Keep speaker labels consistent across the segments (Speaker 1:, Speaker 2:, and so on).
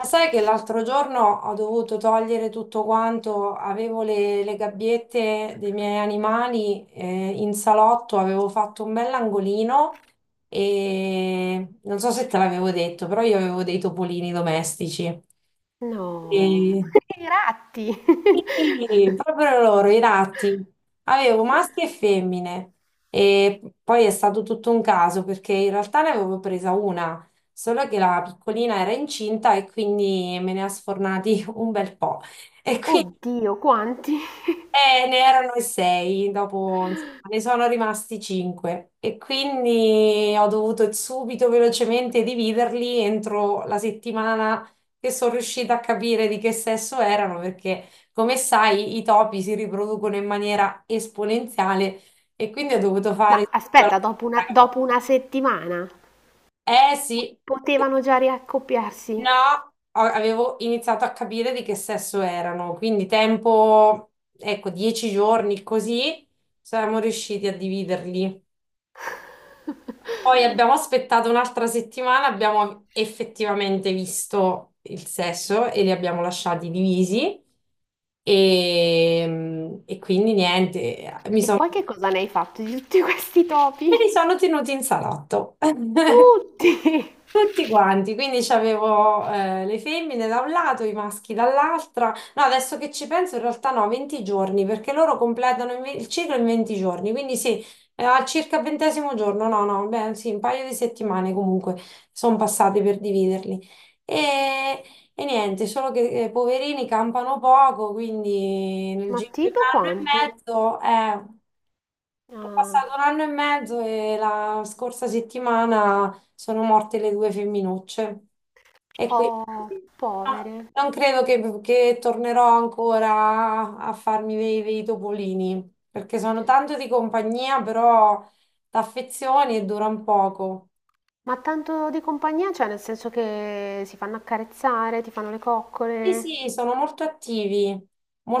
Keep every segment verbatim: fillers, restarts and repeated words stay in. Speaker 1: Ma sai che l'altro giorno ho dovuto togliere tutto quanto. Avevo le, le gabbiette dei miei animali, eh, in salotto. Avevo fatto un bell'angolino, e non so se te l'avevo detto, però io avevo dei topolini domestici. E.
Speaker 2: No,
Speaker 1: Mm.
Speaker 2: i ratti!
Speaker 1: Sì, proprio loro, i ratti. Avevo maschi e femmine, e poi è stato tutto un caso perché in realtà ne avevo presa una, solo che la piccolina era incinta e quindi me ne ha sfornati un bel po'. E quindi
Speaker 2: Oddio, quanti?
Speaker 1: eh, ne erano in sei. Dopo insomma, ne sono rimasti cinque, e quindi ho dovuto subito velocemente dividerli entro la settimana che sono riuscita a capire di che sesso erano, perché come sai i topi si riproducono in maniera esponenziale, e quindi ho dovuto fare
Speaker 2: Ma
Speaker 1: subito la
Speaker 2: aspetta, dopo
Speaker 1: seconda
Speaker 2: una, dopo
Speaker 1: gabbia.
Speaker 2: una settimana
Speaker 1: Eh sì.
Speaker 2: potevano già riaccoppiarsi.
Speaker 1: No, a- avevo iniziato a capire di che sesso erano. Quindi tempo, ecco, dieci giorni così, siamo riusciti a dividerli. Poi abbiamo aspettato un'altra settimana, abbiamo effettivamente visto il sesso e li abbiamo lasciati divisi, e, e quindi niente, mi
Speaker 2: E
Speaker 1: sono,
Speaker 2: poi che cosa ne hai fatto di tutti questi topi?
Speaker 1: me li sono tenuti in salotto.
Speaker 2: Tutti!
Speaker 1: Tutti quanti. Quindi c'avevo eh, le femmine da un lato, i maschi dall'altra. No, adesso che ci penso, in realtà no, venti giorni, perché loro completano il, ve- il ciclo in venti giorni. Quindi sì, eh, al circa il ventesimo giorno, no, no, beh, sì, un paio di settimane comunque sono passate per dividerli. E, e niente, solo che eh, poverini campano poco, quindi nel
Speaker 2: Ma
Speaker 1: giro di un
Speaker 2: tipo
Speaker 1: anno e
Speaker 2: quanto?
Speaker 1: mezzo, eh. È
Speaker 2: Ah,
Speaker 1: passato un anno e mezzo e la scorsa settimana sono morte le due femminucce. E quindi
Speaker 2: oh,
Speaker 1: no,
Speaker 2: povere.
Speaker 1: non credo che, che tornerò ancora a farmi dei, dei topolini, perché sono tanto di compagnia, però d'affezioni, e durano poco.
Speaker 2: Ma tanto di compagnia, cioè nel senso che si fanno accarezzare, ti fanno le
Speaker 1: Sì,
Speaker 2: coccole.
Speaker 1: sì, sono molto attivi,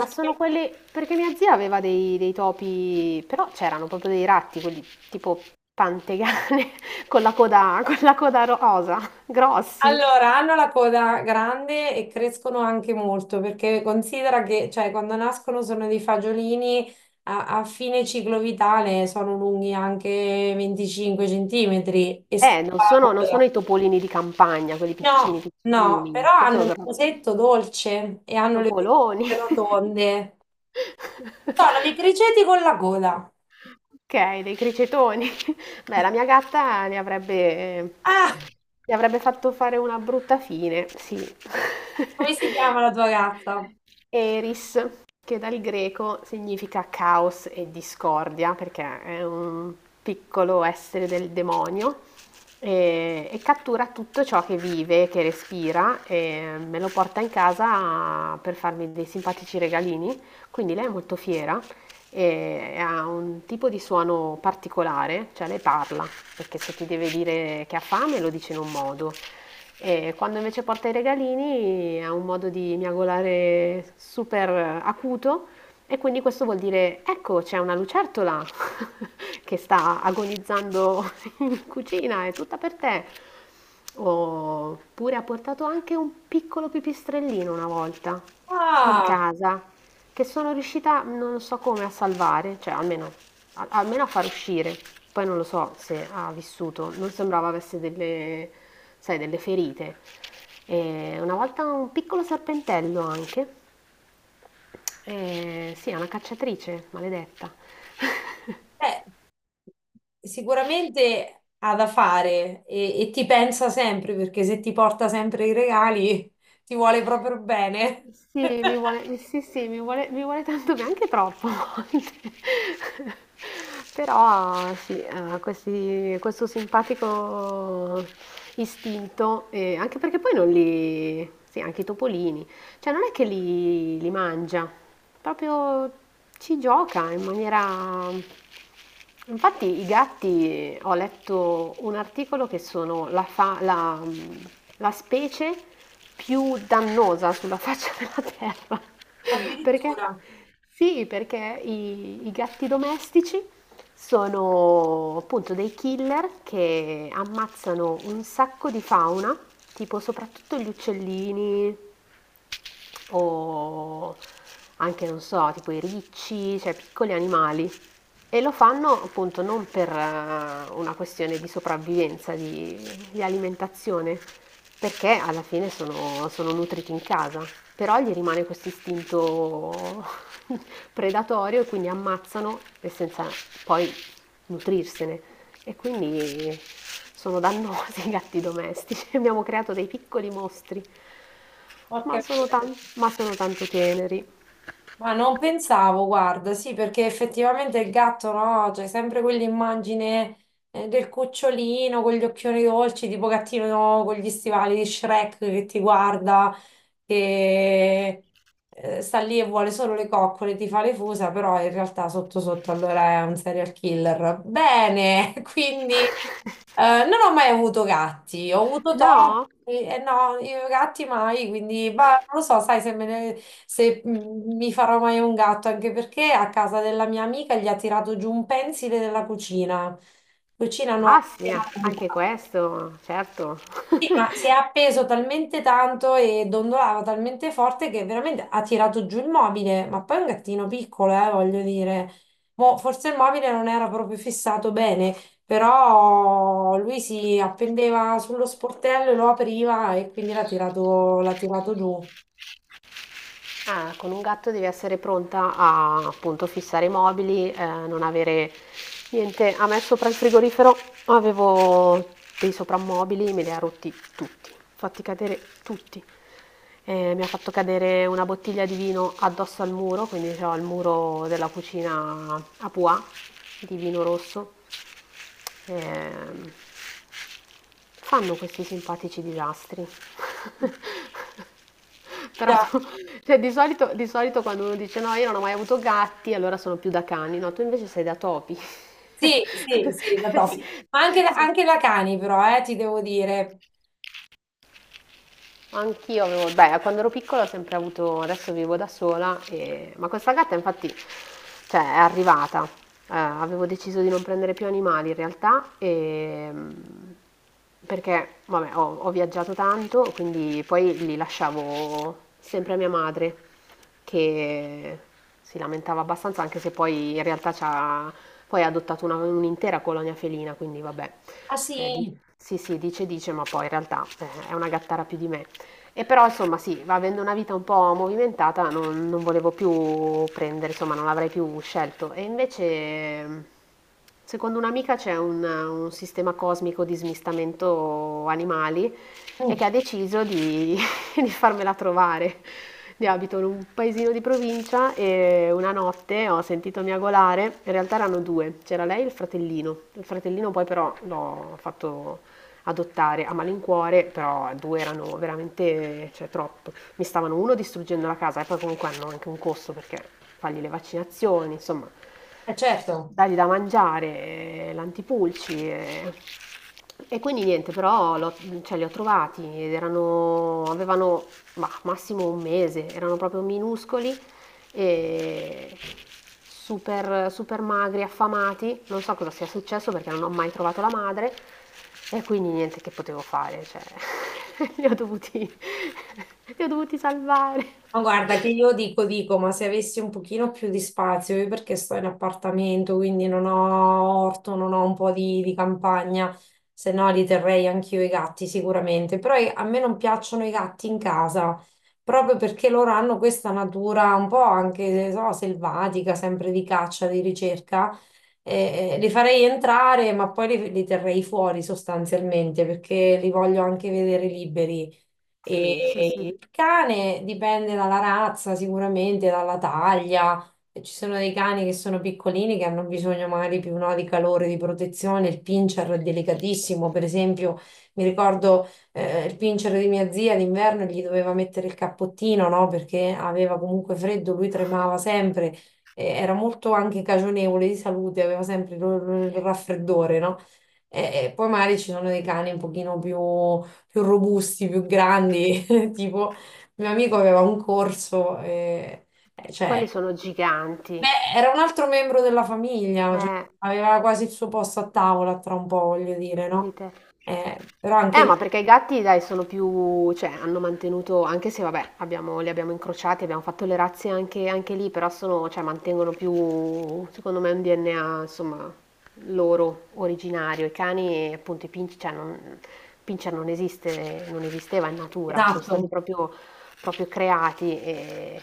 Speaker 2: Ma sono quelli perché mia zia aveva dei dei topi, però c'erano proprio dei ratti, quelli tipo pantegane con la coda con la coda rosa, grossi.
Speaker 1: allora, hanno la coda grande e crescono anche molto, perché considera che, cioè, quando nascono sono dei fagiolini, a, a fine ciclo vitale sono lunghi anche venticinque centimetri e
Speaker 2: Eh, non sono non sono
Speaker 1: scompaiono.
Speaker 2: i topolini di campagna, quelli piccini
Speaker 1: No, no, però
Speaker 2: piccini,
Speaker 1: hanno
Speaker 2: penso
Speaker 1: il
Speaker 2: sono
Speaker 1: musetto dolce e hanno le orecchie
Speaker 2: topoloni.
Speaker 1: rotonde. Sono dei criceti con la coda.
Speaker 2: Okay, dei cricetoni. Beh, la mia gatta ne avrebbe
Speaker 1: Ah,
Speaker 2: gli avrebbe fatto fare una brutta fine, sì.
Speaker 1: come si chiama la tua gatta?
Speaker 2: Eris, che dal greco significa caos e discordia, perché è un piccolo essere del demonio e, e cattura tutto ciò che vive, che respira e me lo porta in casa per farmi dei simpatici regalini. Quindi lei è molto fiera e ha un tipo di suono particolare, cioè lei parla, perché se ti deve dire che ha fame lo dice in un modo, e quando invece porta i regalini ha un modo di miagolare super acuto e quindi questo vuol dire ecco c'è una lucertola che sta agonizzando in cucina, è tutta per te. Oppure ha portato anche un piccolo pipistrellino una volta in
Speaker 1: Ah.
Speaker 2: casa che sono riuscita non so come a salvare, cioè almeno al- almeno a far uscire. Poi non lo so se ha vissuto, non sembrava avesse delle, sai, delle ferite. E una volta un piccolo serpentello anche. E sì, è una cacciatrice, maledetta.
Speaker 1: Beh, sicuramente ha da fare, e, e ti pensa sempre, perché se ti porta sempre i regali ti vuole proprio bene.
Speaker 2: Sì, mi vuole sì, sì, mi vuole mi vuole tanto bene, anche troppo a volte. Però sì, ha questi questo simpatico istinto, ehm, anche perché poi non li sì, anche i topolini, cioè non è che li li mangia. Proprio ci gioca in maniera. Infatti i gatti, ho letto un articolo che sono la, fa- la- la specie più dannosa sulla faccia della terra. Perché?
Speaker 1: Addirittura.
Speaker 2: Sì, perché i, i gatti domestici sono appunto dei killer che ammazzano un sacco di fauna, tipo soprattutto gli uccellini, o anche, non so, tipo i ricci, cioè piccoli animali e lo fanno appunto non per eh, una questione di sopravvivenza, di, di alimentazione, perché alla fine sono, sono nutriti in casa, però gli rimane questo istinto predatorio e quindi ammazzano e senza poi nutrirsene. E quindi sono dannosi i gatti domestici, abbiamo creato dei piccoli mostri, ma
Speaker 1: Porca
Speaker 2: sono,
Speaker 1: miseria.
Speaker 2: tan- ma sono tanto teneri.
Speaker 1: Ma non pensavo, guarda, sì, perché effettivamente il gatto, no? C'è sempre quell'immagine, eh, del cucciolino con gli occhioni dolci, tipo gattino con gli stivali di Shrek che ti guarda, che eh, sta lì e vuole solo le coccole, ti fa le fusa, però in realtà sotto sotto allora è un serial killer. Bene. Quindi eh, non ho mai avuto gatti, ho avuto
Speaker 2: No?
Speaker 1: topi, e no, io gatti mai. Quindi ma non lo so, sai se me ne- se mm, mi farò mai un gatto, anche perché a casa della mia amica gli ha tirato giù un pensile della cucina, cucina nuova
Speaker 2: Asnia,
Speaker 1: appena
Speaker 2: anche
Speaker 1: comprata.
Speaker 2: questo, certo.
Speaker 1: Sì, ma si è appeso talmente tanto e dondolava talmente forte che veramente ha tirato giù il mobile, ma poi è un gattino piccolo, eh, voglio dire. Mo, forse il mobile non era proprio fissato bene, però lui si appendeva sullo sportello e lo apriva, e quindi l'ha tirato, l'ha tirato giù.
Speaker 2: Ah, con un gatto devi essere pronta a appunto fissare i mobili, eh, non avere niente. A me sopra il frigorifero avevo dei soprammobili, me li ha rotti tutti, fatti cadere tutti. Eh, mi ha fatto cadere una bottiglia di vino addosso al muro, quindi ho il muro della cucina a Pua di vino rosso. Ehm, Fanno questi simpatici disastri. Però
Speaker 1: Già.
Speaker 2: tu- cioè, di solito, di solito quando uno dice no, io non ho mai avuto gatti, allora sono più da cani, no, tu invece sei da topi.
Speaker 1: Sì, sì, sì, da topi. Ma anche,
Speaker 2: Sì,
Speaker 1: anche da cani però, eh, ti devo dire.
Speaker 2: anch'io avevo, beh, quando ero piccola ho sempre avuto, adesso vivo da sola, e- ma questa gatta infatti, cioè, è arrivata. Eh, avevo deciso di non prendere più animali in realtà, e, perché, vabbè, ho, ho viaggiato tanto, quindi poi li lasciavo sempre a mia madre, che si lamentava abbastanza, anche se poi in realtà c'ha, poi ha adottato una- un'intera colonia felina, quindi vabbè,
Speaker 1: Ah
Speaker 2: eh, di-
Speaker 1: sì.
Speaker 2: sì sì, dice dice, ma poi in realtà eh, è una gattara più di me. E però insomma sì, va avendo una vita un po' movimentata, non, non volevo più prendere, insomma non l'avrei più scelto. E invece, secondo un'amica c'è un, un sistema cosmico di smistamento animali e
Speaker 1: Mm.
Speaker 2: che ha deciso di, di farmela trovare. Io abito in un paesino di provincia e una notte ho sentito miagolare, in realtà erano due, c'era lei e il fratellino. Il fratellino poi però l'ho fatto adottare a malincuore, però due erano veramente, cioè, troppo. Mi stavano uno distruggendo la casa e poi comunque hanno anche un costo perché fargli le vaccinazioni, insomma,
Speaker 1: Eh, certo.
Speaker 2: dargli da mangiare, eh, l'antipulci. Eh. E quindi niente, però l'ho- cioè, li ho trovati ed erano, avevano ma, massimo un mese, erano proprio minuscoli e super, super magri, affamati, non so cosa sia successo perché non ho mai trovato la madre e quindi niente che potevo fare, cioè li ho dovuti, li ho dovuti salvare.
Speaker 1: Ma guarda che io dico, dico, ma se avessi un pochino più di spazio, io perché sto in appartamento, quindi non ho orto, non ho un po' di, di campagna, se no li terrei anch'io i gatti sicuramente, però i- a me non piacciono i gatti in casa, proprio perché loro hanno questa natura un po' anche, so, selvatica, sempre di caccia, di ricerca. Eh, eh, li farei entrare, ma poi li li terrei fuori sostanzialmente, perché li voglio anche vedere liberi.
Speaker 2: Sì, sì, sì,
Speaker 1: E il cane dipende dalla razza, sicuramente, dalla taglia. Ci sono dei cani che sono piccolini, che hanno bisogno magari più no, di calore, di protezione. Il pincher è delicatissimo, per esempio. Mi ricordo eh, il pincher di mia zia d'inverno gli doveva mettere il cappottino, no? Perché aveva comunque freddo, lui tremava sempre, eh, era molto anche cagionevole di salute, aveva sempre il il- il raffreddore, no? E, e poi magari ci sono dei cani un pochino più più robusti, più grandi. Tipo, mio amico aveva un corso, e, eh, cioè,
Speaker 2: quelli sono
Speaker 1: beh,
Speaker 2: giganti,
Speaker 1: era un altro membro della famiglia, cioè,
Speaker 2: eh,
Speaker 1: aveva quasi il suo posto a tavola tra un po', voglio dire,
Speaker 2: non
Speaker 1: no?
Speaker 2: dite.
Speaker 1: Eh, però anche
Speaker 2: Eh,
Speaker 1: lì,
Speaker 2: ma perché i gatti, dai, sono più, cioè, hanno mantenuto, anche se vabbè, abbiamo, li abbiamo incrociati, abbiamo fatto le razze anche, anche lì, però sono, cioè, mantengono più, secondo me, un D N A, insomma, loro originario. I cani, appunto, i pincher, cioè, non, pincher non esiste, non esisteva in natura, sono stati
Speaker 1: esatto.
Speaker 2: proprio, proprio creati e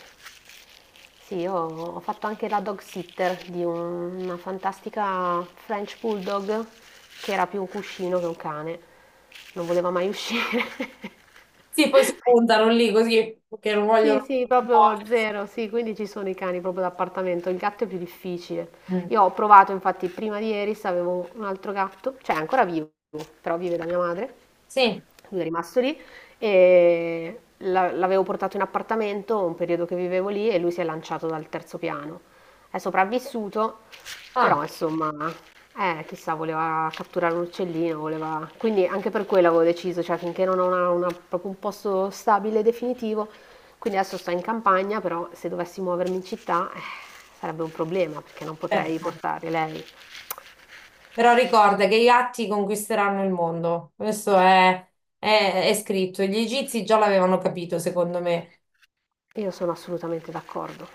Speaker 2: sì, io ho fatto anche la dog sitter di un- una fantastica French Bulldog che era più un cuscino che un cane. Non voleva mai uscire.
Speaker 1: Sì, poi si puntano lì così perché non
Speaker 2: Sì,
Speaker 1: vogliono
Speaker 2: sì, proprio
Speaker 1: muoversi.
Speaker 2: zero, sì, quindi ci sono i cani proprio d'appartamento, il gatto è più difficile.
Speaker 1: Mm.
Speaker 2: Io ho provato, infatti, prima di ieri avevo un altro gatto, cioè è ancora vivo, però vive da mia madre,
Speaker 1: Sì,
Speaker 2: lui è rimasto lì e la- l'avevo portato in appartamento un periodo che vivevo lì e lui si è lanciato dal terzo piano. È sopravvissuto,
Speaker 1: ah,
Speaker 2: però insomma, eh, chissà, voleva catturare un uccellino, voleva. Quindi anche per quello avevo deciso, cioè finché non ho una- una- proprio un posto stabile e definitivo, quindi adesso sto in campagna, però se dovessi muovermi in città, eh, sarebbe un problema perché non potrei
Speaker 1: certo.
Speaker 2: portare lei.
Speaker 1: Però ricorda che i gatti conquisteranno il mondo. Questo è, è- è scritto. Gli egizi già l'avevano capito, secondo me.
Speaker 2: Io sono assolutamente d'accordo.